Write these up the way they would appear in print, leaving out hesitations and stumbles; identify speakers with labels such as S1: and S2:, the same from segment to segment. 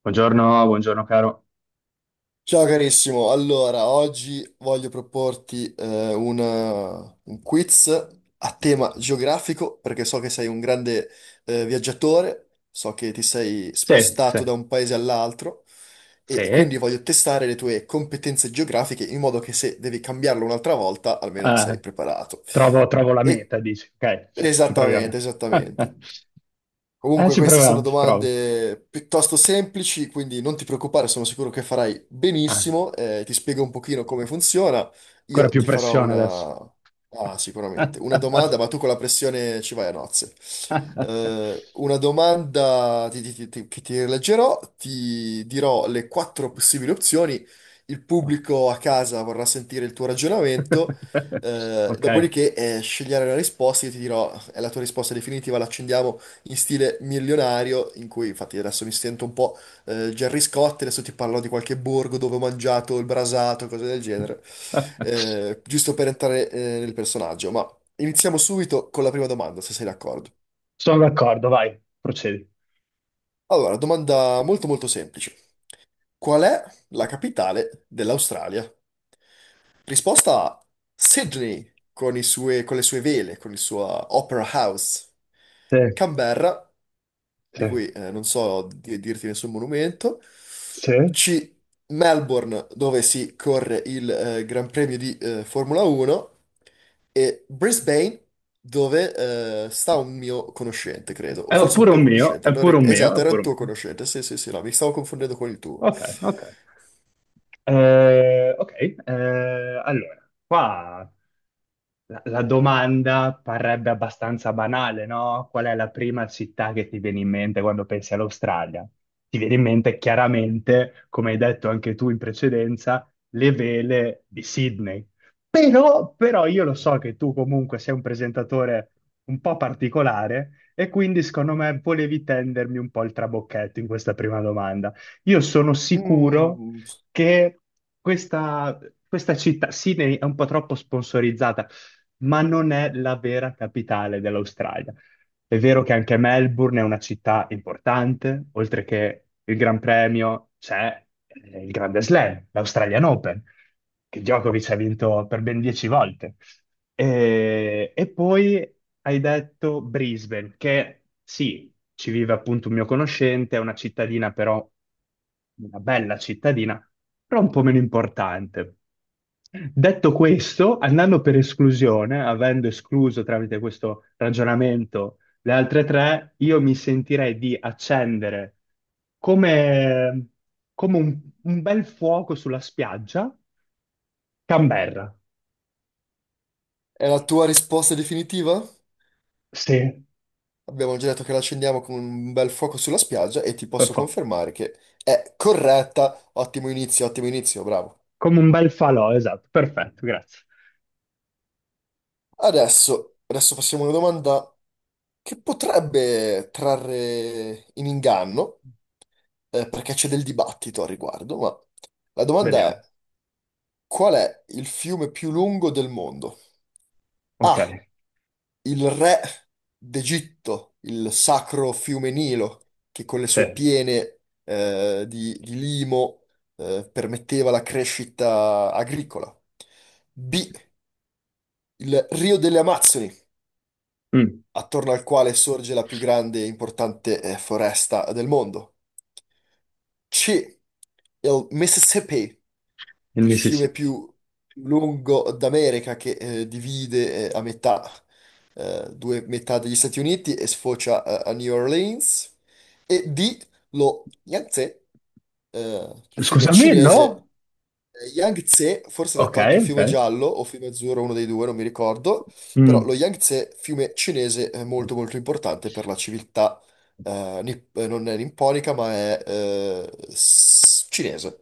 S1: Buongiorno, buongiorno caro.
S2: Ciao carissimo, allora oggi voglio proporti una- un quiz a tema geografico perché so che sei un grande viaggiatore, so che ti sei
S1: Sì, sì,
S2: spostato da un paese all'altro
S1: sì,
S2: e quindi voglio testare le tue competenze geografiche in modo che se devi cambiarlo un'altra volta almeno sei preparato.
S1: trovo la
S2: E-
S1: meta, dici, ok, ci proviamo.
S2: Esattamente, esattamente.
S1: Eh,
S2: Comunque
S1: ci
S2: queste sono
S1: proviamo, ci provo.
S2: domande piuttosto semplici, quindi non ti preoccupare, sono sicuro che farai
S1: Ah,
S2: benissimo. Ti spiego un pochino come funziona.
S1: ancora
S2: Io
S1: più
S2: ti farò
S1: pressione adesso.
S2: una... Ah, sicuramente. Una domanda, ma tu con la pressione ci vai a nozze. Una domanda che ti leggerò, ti dirò le quattro possibili opzioni. Il
S1: No.
S2: pubblico a casa vorrà sentire il tuo ragionamento.
S1: Ok,
S2: Dopodiché, scegliere la risposta, io ti dirò, è la tua risposta definitiva, l'accendiamo in stile milionario, in cui infatti adesso mi sento un po' Gerry Scott, adesso ti parlo di qualche borgo dove ho mangiato il brasato, cose del genere, giusto per entrare nel personaggio. Ma iniziamo subito con la prima domanda, se sei d'accordo.
S1: sono d'accordo, vai, procedi.
S2: Allora, domanda molto molto semplice. Qual è la capitale dell'Australia? Risposta A, Sydney con con le sue vele, con il suo Opera House.
S1: Sì,
S2: Canberra, di
S1: sì,
S2: cui non so dirti nessun monumento.
S1: sì.
S2: C. Melbourne, dove si corre il Gran Premio di Formula 1. E Brisbane, dove sta un mio conoscente, credo. O
S1: È
S2: forse
S1: pure
S2: un tuo
S1: un mio,
S2: conoscente.
S1: è
S2: Non
S1: pure
S2: ri-
S1: un mio,
S2: Esatto,
S1: è
S2: era
S1: pure
S2: il
S1: un
S2: tuo
S1: mio.
S2: conoscente. Sì, sì, sì, no, mi stavo confondendo con il tuo.
S1: Ok, ok. Ok, eh, allora, qua la domanda parrebbe abbastanza banale, no? Qual è la prima città che ti viene in mente quando pensi all'Australia? Ti viene in mente chiaramente, come hai detto anche tu in precedenza, le vele di Sydney. Però, io lo so che tu comunque sei un presentatore un po' particolare e quindi secondo me volevi tendermi un po' il trabocchetto in questa prima domanda. Io sono sicuro
S2: Mm.
S1: che questa, questa città, Sydney, è un po' troppo sponsorizzata, ma non è la vera capitale dell'Australia. È vero che anche Melbourne è una città importante, oltre che il Gran Premio c'è il Grande Slam, l'Australian Open, che Djokovic ha vinto per ben 10 volte. E poi hai detto Brisbane, che sì, ci vive appunto un mio conoscente, è una cittadina però, una bella cittadina, però un po' meno importante. Detto questo, andando per esclusione, avendo escluso tramite questo ragionamento le altre tre, io mi sentirei di accendere come, come un bel fuoco sulla spiaggia, Canberra.
S2: È la tua risposta definitiva?
S1: Sì,
S2: Abbiamo già detto che la accendiamo con un bel fuoco sulla spiaggia e ti
S1: per
S2: posso
S1: fa-
S2: confermare che è corretta. Ottimo inizio, bravo.
S1: come un bel falò, esatto, perfetto, grazie.
S2: Adesso, adesso passiamo a una domanda che potrebbe trarre in inganno, perché c'è del dibattito al riguardo, ma la domanda è:
S1: Vediamo.
S2: qual è il fiume più lungo del mondo?
S1: Ok,
S2: A. Il re d'Egitto, il sacro fiume Nilo, che con le
S1: sì.
S2: sue piene di limo permetteva la crescita agricola. B. Il Rio delle Amazzoni,
S1: Mm,
S2: attorno al quale sorge la più grande e importante foresta del mondo. C. Il Mississippi,
S1: il
S2: il fiume
S1: Mississippi.
S2: più lungo d'America che divide a metà due metà degli Stati Uniti e sfocia a New Orleans, e D, lo Yangtze, fiume
S1: Scusami,
S2: cinese.
S1: no?
S2: Yangtze, forse
S1: Ok,
S2: detto anche
S1: ok.
S2: fiume giallo o fiume azzurro, uno dei due, non mi ricordo, però lo
S1: Mm,
S2: Yangtze, fiume cinese, è molto molto importante per la civiltà, non è nipponica, ma è cinese.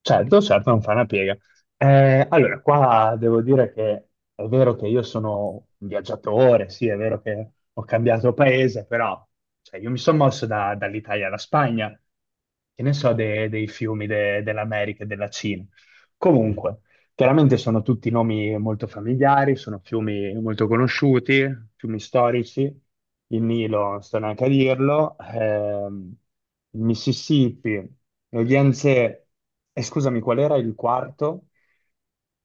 S1: certo, certo, non fa una piega. Allora, qua devo dire che è vero che io sono un viaggiatore, sì, è vero che ho cambiato paese, però cioè, io mi sono mosso dall'Italia alla Spagna, che ne so dei fiumi dell'America e della Cina. Comunque, chiaramente sono tutti nomi molto familiari, sono fiumi molto conosciuti, fiumi storici, il Nilo, non sto neanche a dirlo, il Mississippi, lo Yangtze, e scusami, qual era il quarto?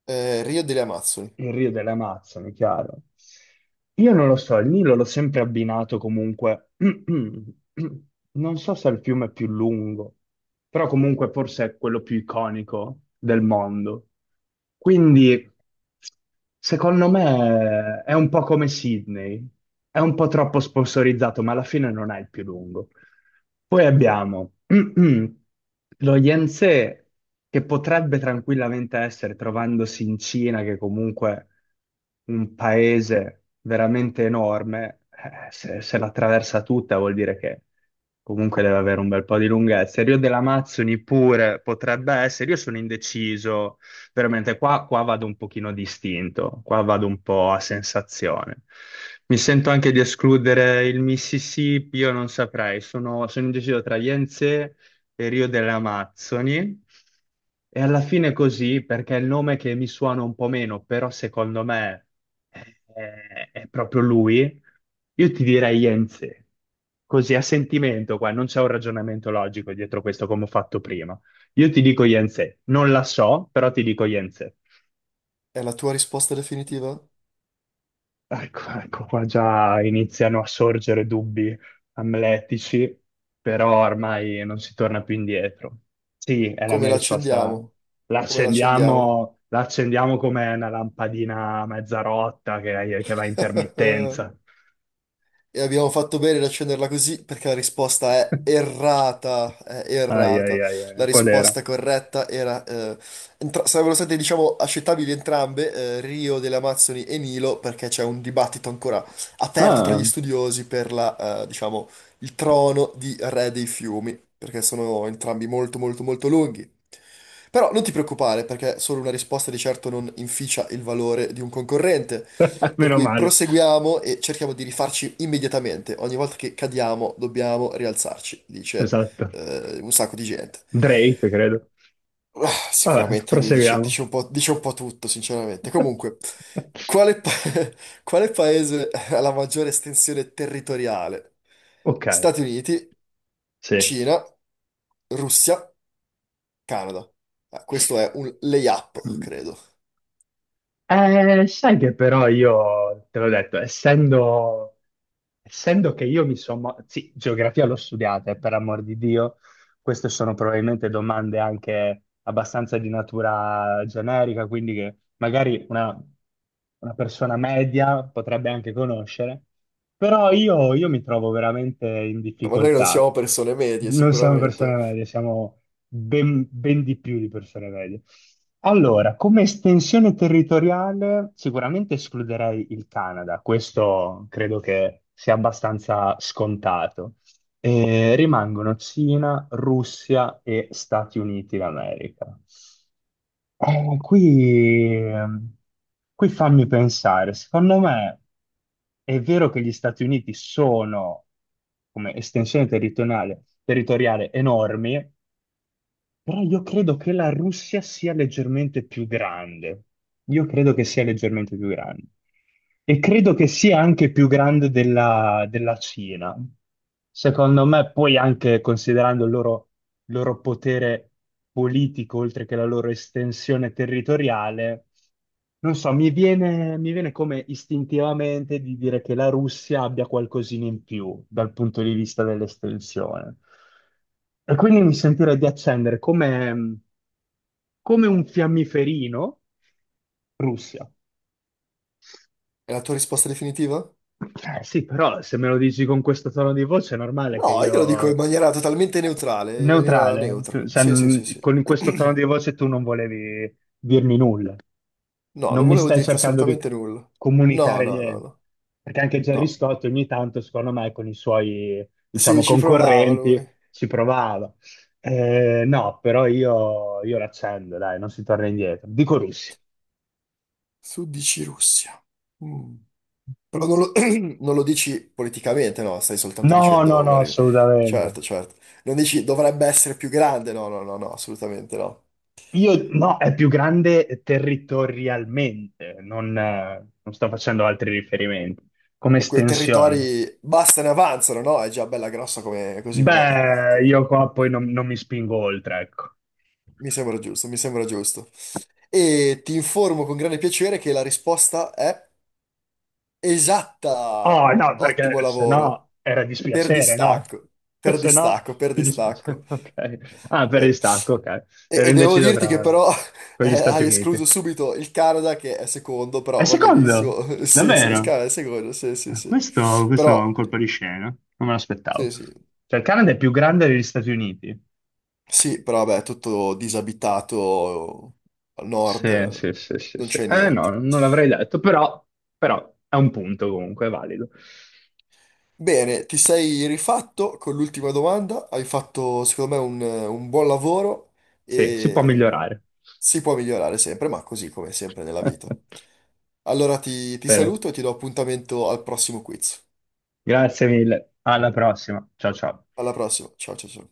S2: Rio delle Amazzoni.
S1: Il Rio delle Amazzoni, chiaro. Io non lo so, il Nilo l'ho sempre abbinato comunque. Non so se è il fiume più lungo, però comunque forse è quello più iconico del mondo. Quindi, secondo me, è un po' come Sydney, è un po' troppo sponsorizzato, ma alla fine non è il più lungo. Poi abbiamo lo Yense che potrebbe tranquillamente essere, trovandosi in Cina, che comunque un paese veramente enorme, se l'attraversa tutta vuol dire che comunque deve avere un bel po' di lunghezza. Il Rio dell'Amazzoni pure potrebbe essere, io sono indeciso veramente qua, qua vado un pochino distinto, qua vado un po' a sensazione. Mi sento anche di escludere il Mississippi, io non saprei, sono indeciso tra Yense e Rio delle Amazzoni. E alla fine così, perché è il nome che mi suona un po' meno, però secondo me è, è proprio lui, io ti direi Yense. Così a sentimento qua, non c'è un ragionamento logico dietro questo come ho fatto prima. Io ti dico Yense, non la so, però ti dico Yense.
S2: È la tua risposta definitiva?
S1: Ecco, ecco, qua già iniziano a sorgere dubbi amletici, però ormai non si torna più indietro. Sì, è la
S2: Come
S1: mia risposta.
S2: l'accendiamo? Come l'accendiamo?
S1: La accendiamo come una lampadina mezza rotta che va a intermittenza.
S2: E abbiamo fatto bene ad accenderla così perché la risposta è errata, è
S1: Ai, ai,
S2: errata.
S1: ai,
S2: La
S1: ai, qual era?
S2: risposta corretta era... sarebbero state, diciamo, accettabili entrambe, Rio delle Amazzoni e Nilo, perché c'è un dibattito ancora aperto tra gli
S1: Ah,
S2: studiosi per la, diciamo, il trono di re dei fiumi, perché sono entrambi molto, molto, molto lunghi. Però non ti preoccupare, perché solo una risposta di certo non inficia il valore di un concorrente. Per
S1: meno
S2: cui
S1: male,
S2: proseguiamo e cerchiamo di rifarci immediatamente. Ogni volta che cadiamo dobbiamo rialzarci, dice
S1: esatto.
S2: un sacco di gente.
S1: Drake, credo.
S2: Ah,
S1: Vabbè,
S2: sicuramente lui dice,
S1: proseguiamo.
S2: dice un po' tutto, sinceramente. Comunque, quale, pa- quale paese ha la maggiore estensione territoriale?
S1: Ok,
S2: Stati Uniti,
S1: sì.
S2: Cina, Russia, Canada. Ah, questo è un layup,
S1: Mm.
S2: credo.
S1: Sai che però io, te l'ho detto, essendo che io mi sono... Sì, geografia l'ho studiata, e per amor di Dio, queste sono probabilmente domande anche abbastanza di natura generica, quindi che magari una persona media potrebbe anche conoscere, però io mi trovo veramente in
S2: Ma noi non
S1: difficoltà.
S2: siamo persone medie,
S1: Non siamo persone
S2: sicuramente.
S1: medie, siamo ben, ben di più di persone medie. Allora, come estensione territoriale sicuramente escluderei il Canada, questo credo che sia abbastanza scontato. E rimangono Cina, Russia e Stati Uniti d'America. Eh, qui, ehm, qui fammi pensare, secondo me è vero che gli Stati Uniti sono come estensione territoriale enormi, però io credo che la Russia sia leggermente più grande. Io credo che sia leggermente più grande. E credo che sia anche più grande della Cina. Secondo me, poi anche considerando il loro potere politico, oltre che la loro estensione territoriale. Non so, mi viene come istintivamente di dire che la Russia abbia qualcosina in più dal punto di vista dell'estensione. E quindi mi sentirei di accendere come un fiammiferino Russia.
S2: È la tua risposta definitiva?
S1: Sì, però se me lo dici con questo tono di voce è normale che
S2: No, io lo dico in
S1: io...
S2: maniera totalmente neutrale, in maniera
S1: Neutrale,
S2: neutra. Sì, sì, sì, sì.
S1: con questo tono di voce tu non volevi dirmi nulla,
S2: No,
S1: non
S2: non
S1: mi
S2: volevo
S1: stai
S2: dirti
S1: cercando di
S2: assolutamente nulla. No,
S1: comunicare
S2: no, no,
S1: niente,
S2: no.
S1: perché anche Gerry
S2: No.
S1: Scott ogni tanto, secondo me, con i suoi, diciamo,
S2: Sì, ci provava lui.
S1: concorrenti ci provava. No, però io l'accendo, dai, non si torna indietro. Dico Russia.
S2: Tu dici Russia. Mm. Però non lo, non lo dici politicamente, no, stai soltanto
S1: No, no,
S2: dicendo
S1: no, assolutamente.
S2: Certo, certo. Non dici dovrebbe essere più grande, no, no, no, no, assolutamente no.
S1: Io no, è più grande territorialmente, non sto facendo altri riferimenti. Come
S2: E quei
S1: estensione.
S2: territori basta, ne avanzano, no? È già bella grossa come, così com'è,
S1: Beh,
S2: ecco.
S1: io qua poi non mi spingo oltre, ecco.
S2: Mi sembra giusto, mi sembra giusto. E ti informo con grande piacere che la risposta è esatta.
S1: Oh no,
S2: Ottimo
S1: perché se
S2: lavoro.
S1: no era
S2: Per
S1: dispiacere, no?
S2: distacco, per
S1: Se no
S2: distacco, per
S1: ti
S2: distacco.
S1: dispiacere, ok. Ah, per
S2: Eh,
S1: il stacco, ok. Ero
S2: e devo
S1: indeciso
S2: dirti che
S1: tra
S2: però
S1: con gli Stati
S2: hai escluso
S1: Uniti.
S2: subito il Canada che è secondo,
S1: È
S2: però va
S1: secondo?
S2: benissimo. Sì, sì, il
S1: Davvero?
S2: Canada è secondo, sì, sì,
S1: Eh,
S2: sì.
S1: Questo, questo è un
S2: Però,
S1: colpo di scena, non me l'aspettavo.
S2: sì, sì.
S1: Cioè, il Canada è più grande degli Stati Uniti.
S2: Sì, però vabbè, tutto disabitato al nord,
S1: Sì, sì, sì, sì,
S2: non
S1: sì.
S2: c'è
S1: Eh no,
S2: niente.
S1: non l'avrei detto, però è un punto comunque, è valido.
S2: Bene, ti sei rifatto con l'ultima domanda, hai fatto secondo me un buon lavoro
S1: Sì, si può
S2: e
S1: migliorare.
S2: si può migliorare sempre, ma così come sempre nella vita. Allora ti
S1: Bene,
S2: saluto e ti do appuntamento al prossimo quiz.
S1: grazie mille. Alla prossima. Ciao ciao.
S2: Alla prossima, ciao ciao ciao.